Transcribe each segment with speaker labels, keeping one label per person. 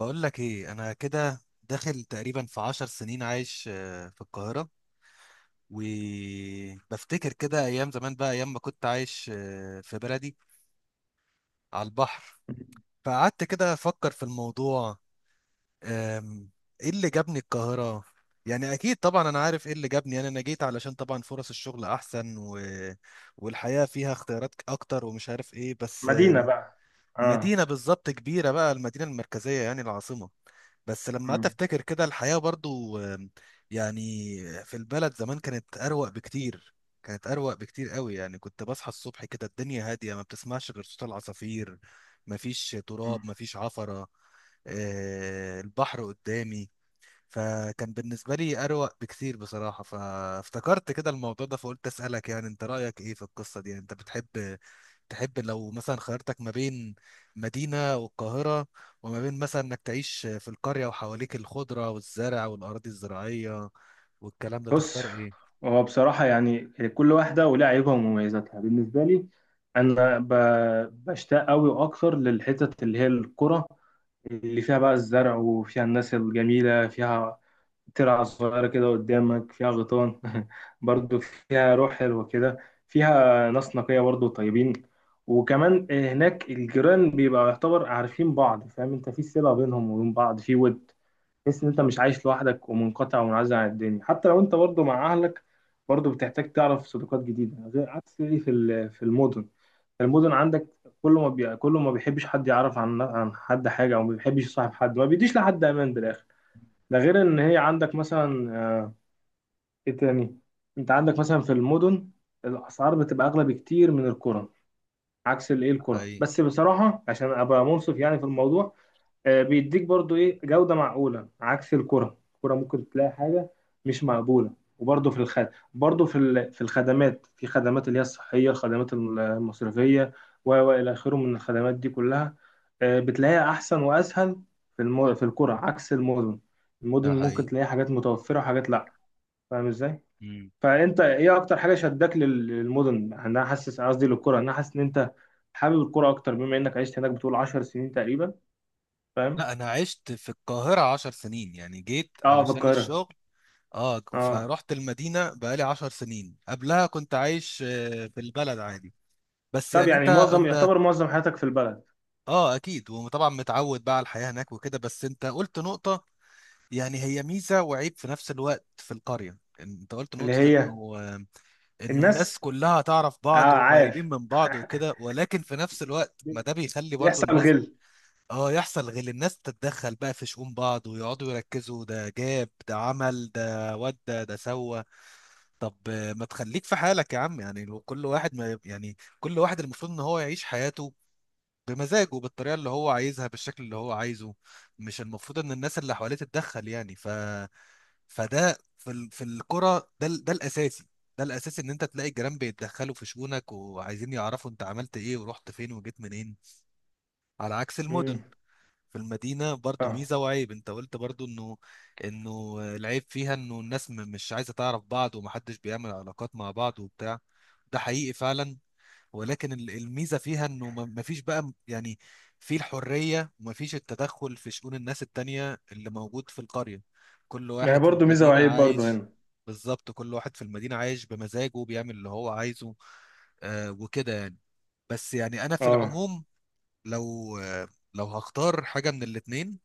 Speaker 1: بقول لك ايه؟ انا كده داخل تقريبا في 10 سنين عايش في القاهرة. وبفتكر كده ايام زمان بقى، ايام ما كنت عايش في بلدي على البحر. فقعدت كده افكر في الموضوع. آم، ايه اللي جابني القاهرة؟ يعني اكيد طبعا انا عارف ايه اللي جابني. يعني انا جيت علشان طبعا فرص الشغل احسن والحياة فيها اختيارات اكتر ومش عارف ايه، بس
Speaker 2: مدينة بقى. اه.
Speaker 1: مدينة بالظبط، كبيرة بقى، المدينة المركزية يعني، العاصمة. بس لما قعدت
Speaker 2: مم.
Speaker 1: افتكر كده الحياة برضو، يعني في البلد زمان كانت اروق بكتير. كانت اروق بكتير قوي. يعني كنت بصحى الصبح كده الدنيا هادية، ما بتسمعش غير صوت العصافير. مفيش تراب،
Speaker 2: مم.
Speaker 1: مفيش عفرة. البحر قدامي. فكان بالنسبة لي أروق بكتير بصراحة. فافتكرت كده الموضوع ده، فقلت أسألك يعني أنت رأيك إيه في القصة دي. يعني أنت تحب لو مثلا خيرتك ما بين مدينة والقاهرة وما بين مثلا إنك تعيش في القرية وحواليك الخضرة والزرع والأراضي الزراعية والكلام ده،
Speaker 2: بص،
Speaker 1: تختار إيه؟
Speaker 2: هو بصراحة يعني كل واحدة ولها عيوبها ومميزاتها. بالنسبة لي أنا بشتاق أوي وأكتر للحتت اللي هي القرى، اللي فيها بقى الزرع، وفيها الناس الجميلة، فيها ترعة صغيرة كده قدامك فيها غيطان برضو فيها روح حلوة كده، فيها ناس نقية برضو طيبين. وكمان هناك الجيران بيبقى يعتبر عارفين بعض، فاهم انت في صلة بينهم وبين بعض، في ود. تحس ان انت مش عايش لوحدك ومنقطع ومنعزل عن الدنيا، حتى لو انت برضو مع اهلك برضو بتحتاج تعرف صداقات جديده، غير عكس ايه في المدن. المدن عندك كله ما بيحبش حد يعرف عن حد حاجه، او ما بيحبش يصاحب حد، ما بيديش لحد امان بالاخر. ده غير ان هي عندك مثلا، ايه تاني، انت عندك مثلا في المدن الاسعار بتبقى اغلى بكتير من القرى، عكس الايه
Speaker 1: ده
Speaker 2: القرى.
Speaker 1: حقيقي،
Speaker 2: بس بصراحه عشان ابقى منصف يعني في الموضوع، بيديك برضو ايه جودة معقولة عكس الكرة. الكرة ممكن تلاقي حاجة مش مقبولة. وبرضو في الخد، برضو في الخدمات، في خدمات اللي هي الصحية، الخدمات المصرفية، و إلى آخره من الخدمات دي كلها، بتلاقيها أحسن وأسهل في الكرة، عكس المدن. المدن
Speaker 1: ده
Speaker 2: ممكن
Speaker 1: حقيقي.
Speaker 2: تلاقي حاجات متوفرة وحاجات لأ. فاهم إزاي؟
Speaker 1: مم.
Speaker 2: فأنت إيه أكتر حاجة شدك للمدن؟ يعني أنا حاسس، قصدي للكرة، أنا حاسس إن أنت حابب الكرة أكتر بما إنك عشت هناك بتقول 10 سنين تقريبا. فاهم؟
Speaker 1: لا، أنا عشت في القاهرة 10 سنين. يعني جيت
Speaker 2: اه، في
Speaker 1: علشان
Speaker 2: القاهرة.
Speaker 1: الشغل. اه،
Speaker 2: اه.
Speaker 1: فرحت المدينة بقالي 10 سنين. قبلها كنت عايش في البلد عادي. بس
Speaker 2: طب
Speaker 1: يعني انت
Speaker 2: يعني معظم،
Speaker 1: انت
Speaker 2: يعتبر معظم حياتك في البلد.
Speaker 1: اه اكيد، وطبعا متعود بقى على الحياة هناك وكده. بس انت قلت نقطة، يعني هي ميزة وعيب في نفس الوقت في القرية. انت قلت
Speaker 2: اللي
Speaker 1: نقطة
Speaker 2: هي
Speaker 1: انه الناس
Speaker 2: الناس.
Speaker 1: كلها تعرف
Speaker 2: اه،
Speaker 1: بعض
Speaker 2: عايش.
Speaker 1: وقريبين من بعض وكده، ولكن في نفس الوقت ما ده بيخلي برضو
Speaker 2: بيحصل
Speaker 1: الناس،
Speaker 2: غل.
Speaker 1: اه، يحصل غل. الناس تتدخل بقى في شؤون بعض، ويقعدوا يركزوا ده جاب ده، عمل ده، ودى ده سوى. طب ما تخليك في حالك يا عم. يعني لو كل واحد، ما يعني، كل واحد المفروض ان هو يعيش حياته بمزاجه، بالطريقه اللي هو عايزها، بالشكل اللي هو عايزه. مش المفروض ان الناس اللي حواليه تتدخل يعني. فده في الكرة، ده الاساسي ان انت تلاقي الجيران بيتدخلوا في شؤونك وعايزين يعرفوا انت عملت ايه ورحت فين وجيت منين، على عكس
Speaker 2: امم.
Speaker 1: المدن. في المدينة برضو
Speaker 2: اه،
Speaker 1: ميزة وعيب، انت قلت برضو انه العيب فيها انه الناس مش عايزة تعرف بعض، ومحدش بيعمل علاقات مع بعض وبتاع. ده حقيقي فعلا. ولكن الميزه فيها انه ما فيش بقى يعني، في الحريه، وما فيش التدخل في شؤون الناس التانية اللي موجود في القريه. كل
Speaker 2: ما هي
Speaker 1: واحد في
Speaker 2: برضه ميزه
Speaker 1: المدينه
Speaker 2: وعيب برضه
Speaker 1: عايش.
Speaker 2: هنا.
Speaker 1: بالظبط، كل واحد في المدينه عايش بمزاجه، بيعمل اللي هو عايزه، آه، وكده يعني. بس يعني انا في
Speaker 2: اه،
Speaker 1: العموم، لو آه لو هختار حاجه من الاتنين،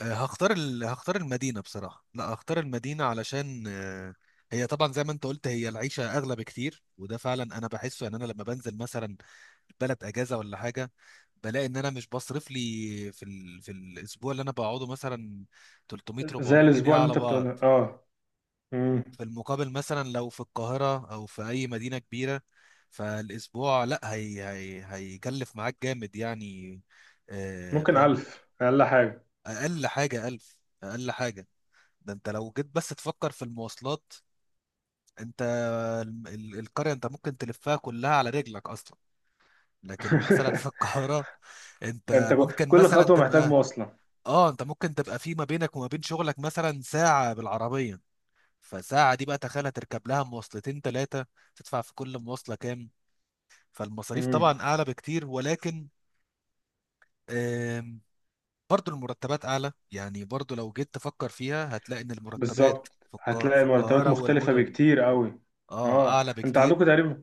Speaker 1: هختار المدينة بصراحة. لا، هختار المدينة علشان، هي طبعا زي ما انت قلت، هي العيشة أغلى بكتير، وده فعلا أنا بحسه. يعني أنا لما بنزل مثلا بلد أجازة ولا حاجة، بلاقي إن أنا مش بصرف لي في الأسبوع اللي أنا بقعده مثلا 300
Speaker 2: زي
Speaker 1: 400 جنيه
Speaker 2: الاسبوع اللي
Speaker 1: على
Speaker 2: انت بتقوله.
Speaker 1: بعض.
Speaker 2: اه. امم.
Speaker 1: في المقابل مثلا لو في القاهرة أو في أي مدينة كبيرة، فالأسبوع، لا هيكلف معاك جامد يعني،
Speaker 2: ممكن
Speaker 1: فاهم؟
Speaker 2: 1000 اقل حاجه.
Speaker 1: أقل حاجة 1000. أقل حاجة. ده انت لو جيت بس تفكر في المواصلات، انت القرية انت ممكن تلفها كلها على رجلك اصلا، لكن مثلا في القاهرة انت
Speaker 2: انت،
Speaker 1: ممكن
Speaker 2: كل
Speaker 1: مثلا
Speaker 2: خطوه محتاج
Speaker 1: تبقى
Speaker 2: مواصله.
Speaker 1: اه انت ممكن تبقى في ما بينك وما بين شغلك مثلا ساعة بالعربية. فساعة دي بقى تخيل هتركب لها مواصلتين ثلاثة، تدفع في كل مواصلة كام؟ فالمصاريف
Speaker 2: امم.
Speaker 1: طبعا اعلى بكتير، ولكن آم، برضو المرتبات اعلى. يعني برضو لو جيت تفكر فيها هتلاقي ان المرتبات
Speaker 2: بالظبط، هتلاقي
Speaker 1: في
Speaker 2: المرتبات
Speaker 1: القاهرة
Speaker 2: مختلفه
Speaker 1: والمدن
Speaker 2: بكتير قوي.
Speaker 1: اه
Speaker 2: اه،
Speaker 1: اعلى
Speaker 2: انت
Speaker 1: بكتير.
Speaker 2: عندكم تقريبا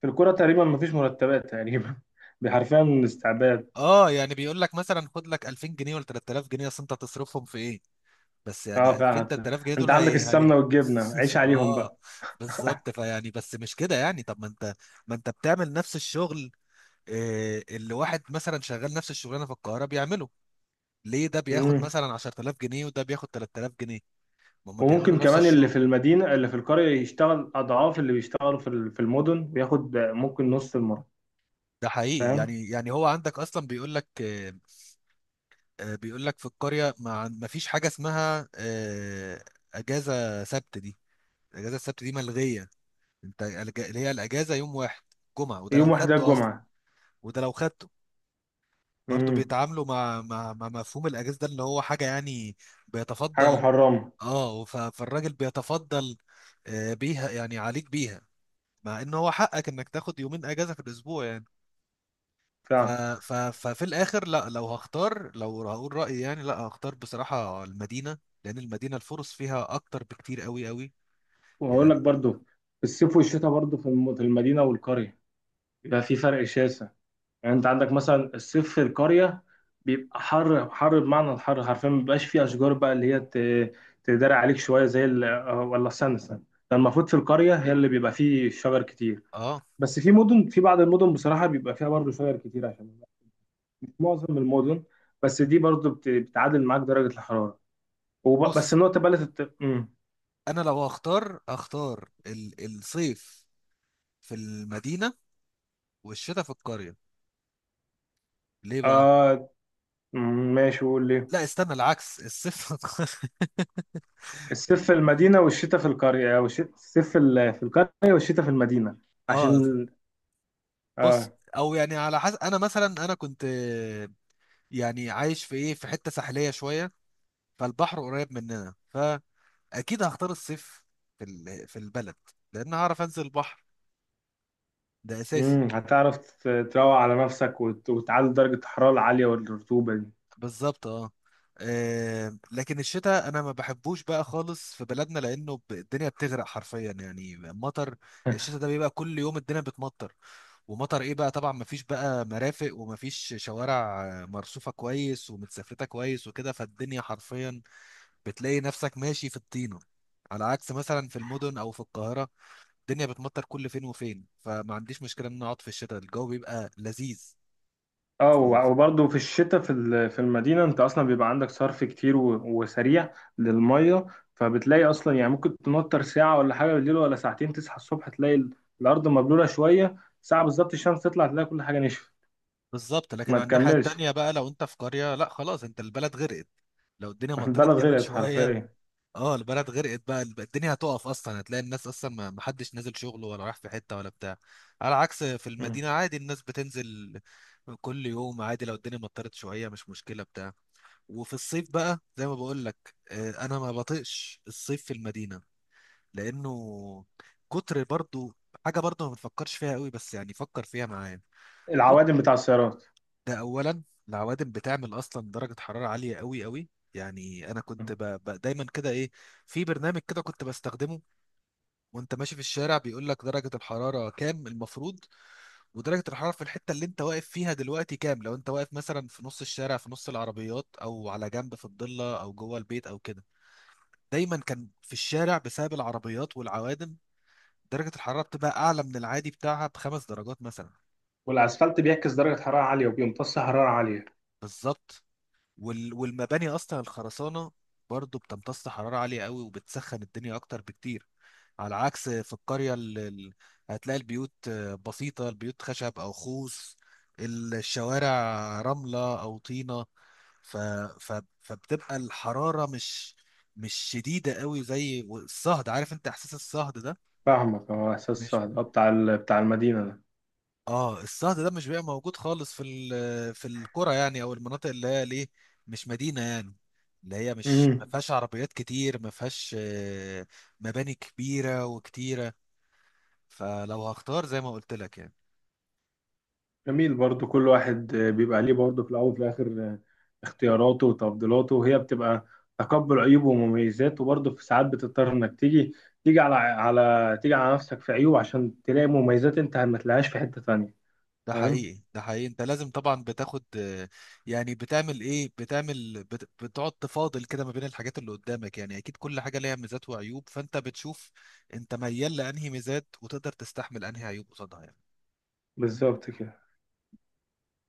Speaker 2: في الكوره تقريبا مفيش مرتبات تقريبا. حرفيا استعباد.
Speaker 1: اه يعني بيقول لك مثلا خد لك 2000 جنيه ولا 3000 جنيه، اصل انت هتصرفهم في ايه؟ بس
Speaker 2: اه،
Speaker 1: يعني 2000
Speaker 2: فعلا.
Speaker 1: 3000 جنيه
Speaker 2: انت
Speaker 1: دول
Speaker 2: عندك
Speaker 1: هي هي.
Speaker 2: السمنه والجبنه عيش عليهم
Speaker 1: اه،
Speaker 2: بقى.
Speaker 1: بالظبط. فيعني بس مش كده يعني. طب ما انت بتعمل نفس الشغل، اللي واحد مثلا شغال نفس الشغلانه في القاهره بيعمله، ليه ده بياخد
Speaker 2: امم.
Speaker 1: مثلا 10000 جنيه وده بياخد 3000 جنيه؟ ما هم بيعملوا
Speaker 2: وممكن
Speaker 1: نفس
Speaker 2: كمان اللي
Speaker 1: الشغل.
Speaker 2: في المدينه، اللي في القريه، يشتغل اضعاف اللي بيشتغلوا في المدن وياخد ممكن نص المرتب.
Speaker 1: ده حقيقي.
Speaker 2: فاهم.
Speaker 1: يعني هو عندك اصلا بيقول لك في القريه، ما فيش حاجه اسمها، اجازه سبت دي اجازه السبت دي ملغيه. انت اللي هي الاجازه يوم واحد، جمعه، وده لو
Speaker 2: يوم واحد ده
Speaker 1: خدته اصلا.
Speaker 2: الجمعه.
Speaker 1: وده لو خدته برضه
Speaker 2: امم.
Speaker 1: بيتعاملوا مع مفهوم الاجازه ده، اللي هو حاجه يعني
Speaker 2: حاجه
Speaker 1: بيتفضل.
Speaker 2: محرمه.
Speaker 1: اه، فالراجل بيتفضل بيها، يعني عليك بيها، مع ان هو حقك انك تاخد يومين اجازه في الاسبوع يعني. ف
Speaker 2: فعلا.
Speaker 1: ف ففي الاخر، لا، لو هختار، لو هقول رايي يعني، لا هختار بصراحه المدينه، لان المدينه الفرص فيها اكتر بكتير قوي قوي
Speaker 2: وهقول لك
Speaker 1: يعني.
Speaker 2: برضو في الصيف والشتاء برضو في المدينه والقريه بيبقى في فرق شاسع. يعني انت عندك مثلا الصيف في القريه بيبقى حر حر، بمعنى الحر حرفيا، ما بيبقاش فيه اشجار بقى اللي هي تداري عليك شويه، زي ولا استنى استنى، ده المفروض في القريه هي اللي بيبقى فيه شجر كتير.
Speaker 1: اه،
Speaker 2: بس في مدن، في بعض المدن بصراحه بيبقى فيها برضه شجر كتير، عشان مش معظم المدن، بس دي برضه بتعادل معاك درجه الحراره. بس
Speaker 1: بص،
Speaker 2: النقطه بقى اللي مم.
Speaker 1: انا لو هختار، هختار الصيف في المدينة والشتاء في القرية. ليه بقى؟
Speaker 2: آه. ماشي، قول لي.
Speaker 1: لا، استنى، العكس: الصيف في القرية.
Speaker 2: الصيف في المدينه والشتاء في القريه، والشتاء، الصيف في القريه والشتاء في المدينه،
Speaker 1: اه،
Speaker 2: عشان.
Speaker 1: بص،
Speaker 2: اه.
Speaker 1: او يعني على حسب. انا مثلا انا كنت، يعني عايش في حتة ساحلية شوية، فالبحر قريب مننا، فاكيد هختار الصيف في البلد، لان هعرف انزل البحر. ده اساسي.
Speaker 2: امم، هتعرف تروق على نفسك، وتعلي درجة الحرارة العالية والرطوبة دي.
Speaker 1: بالظبط، اه. لكن الشتاء انا ما بحبوش بقى خالص في بلدنا، لانه، الدنيا بتغرق حرفيا، يعني مطر. الشتاء ده بيبقى كل يوم الدنيا بتمطر، ومطر ايه بقى طبعا؟ مفيش بقى مرافق، ومفيش شوارع مرصوفة كويس ومتسفلتة كويس وكده، فالدنيا حرفيا بتلاقي نفسك ماشي في الطينة. على عكس مثلا في المدن او في القاهرة، الدنيا بتمطر كل فين وفين، فما عنديش مشكلة ان أنا اقعد في الشتاء، الجو بيبقى لذيذ.
Speaker 2: اه،
Speaker 1: في ال...
Speaker 2: وبرضه في الشتاء في المدينة انت اصلا بيبقى عندك صرف كتير وسريع للمية. فبتلاقي اصلا يعني ممكن تنطر ساعة ولا حاجة بالليل ولا ساعتين، تصحى الصبح تلاقي الارض مبلولة شوية ساعة، بالظبط الشمس تطلع تلاقي كل حاجة نشفت.
Speaker 1: بالظبط. لكن
Speaker 2: ما
Speaker 1: على الناحية
Speaker 2: تكملش.
Speaker 1: التانية بقى، لو انت في قرية، لا خلاص انت البلد غرقت لو الدنيا مطرت
Speaker 2: البلد
Speaker 1: جامد
Speaker 2: غرقت
Speaker 1: شوية.
Speaker 2: حرفيا.
Speaker 1: اه، البلد غرقت بقى، الدنيا هتقف اصلا، هتلاقي الناس اصلا ما حدش نازل شغله ولا رايح في حته ولا بتاع. على عكس في
Speaker 2: مم.
Speaker 1: المدينه عادي الناس بتنزل كل يوم عادي، لو الدنيا مطرت شويه مش مشكله بتاع. وفي الصيف بقى زي ما بقول لك، انا ما بطيقش الصيف في المدينه، لانه كتر برضو، حاجه برضو ما بنفكرش فيها قوي، بس يعني فكر فيها معايا. كنت
Speaker 2: العوادم بتاع السيارات.
Speaker 1: ده اولا، العوادم بتعمل اصلا درجه حراره عاليه قوي قوي. يعني انا كنت،
Speaker 2: مم.
Speaker 1: دايما كده، ايه، في برنامج كده كنت بستخدمه، وانت ماشي في الشارع بيقول لك درجة الحرارة كام المفروض، ودرجة الحرارة في الحتة اللي انت واقف فيها دلوقتي كام، لو انت واقف مثلا في نص الشارع في نص العربيات، او على جنب في الضلة، او جوه البيت او كده. دايما كان في الشارع بسبب العربيات والعوادم درجة الحرارة بتبقى اعلى من العادي بتاعها ب5 درجات مثلا.
Speaker 2: والاسفلت بيعكس درجة حرارة عالية وبيمتص حرارة عالية.
Speaker 1: بالظبط. والمباني اصلا، الخرسانة برضه بتمتص حرارة عالية قوي وبتسخن الدنيا اكتر بكتير، على عكس في القرية، اللي هتلاقي البيوت بسيطة، البيوت خشب أو خوص، الشوارع رملة أو طينة، ف... ف... فبتبقى الحرارة مش شديدة قوي زي الصهد. عارف انت احساس الصهد ده؟
Speaker 2: فاهمك، اه، احساس
Speaker 1: مش،
Speaker 2: صعب، بتاع بتاع المدينه ده.
Speaker 1: اه الصهد ده مش بيبقى موجود خالص في القرى يعني، او المناطق اللي هي ليه مش مدينة يعني، اللي هي مش، ما
Speaker 2: امم.
Speaker 1: فيهاش عربيات كتير، ما فيهاش مباني كبيرة وكتيرة. فلو هختار زي ما قلت لك يعني.
Speaker 2: جميل، برضو كل واحد بيبقى ليه، برضو في الاول وفي الاخر آه، اختياراته وتفضيلاته، وهي بتبقى تقبل عيوبه ومميزاته، وبرضو في ساعات بتضطر انك تيجي، تيجي على على تيجي على نفسك في عيوب عشان تلاقي مميزات انت ما تلاقيهاش في حته تانيه.
Speaker 1: ده
Speaker 2: فاهم.
Speaker 1: حقيقي، ده حقيقي. انت لازم طبعا بتاخد، يعني بتعمل ايه، بتقعد تفاضل كده ما بين الحاجات اللي قدامك. يعني اكيد كل حاجة ليها ميزات وعيوب، فانت بتشوف انت ميال لانهي ميزات وتقدر تستحمل انهي عيوب قصادها يعني.
Speaker 2: بالظبط كده.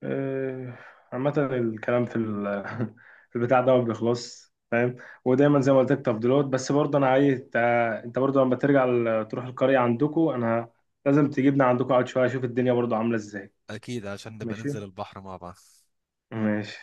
Speaker 2: آه، عامة الكلام في في البتاع ده ما بيخلصش، فاهم. ودايما زي ما قلت لك تفضيلات. بس برضه انا عايز انت، انت برضه لما ترجع تروح القرية عندكم، انا لازم تجيبنا عندكم اقعد شوية اشوف الدنيا برضه عاملة ازاي.
Speaker 1: اكيد، عشان نبقى
Speaker 2: ماشي.
Speaker 1: ننزل البحر مع بعض.
Speaker 2: ماشي.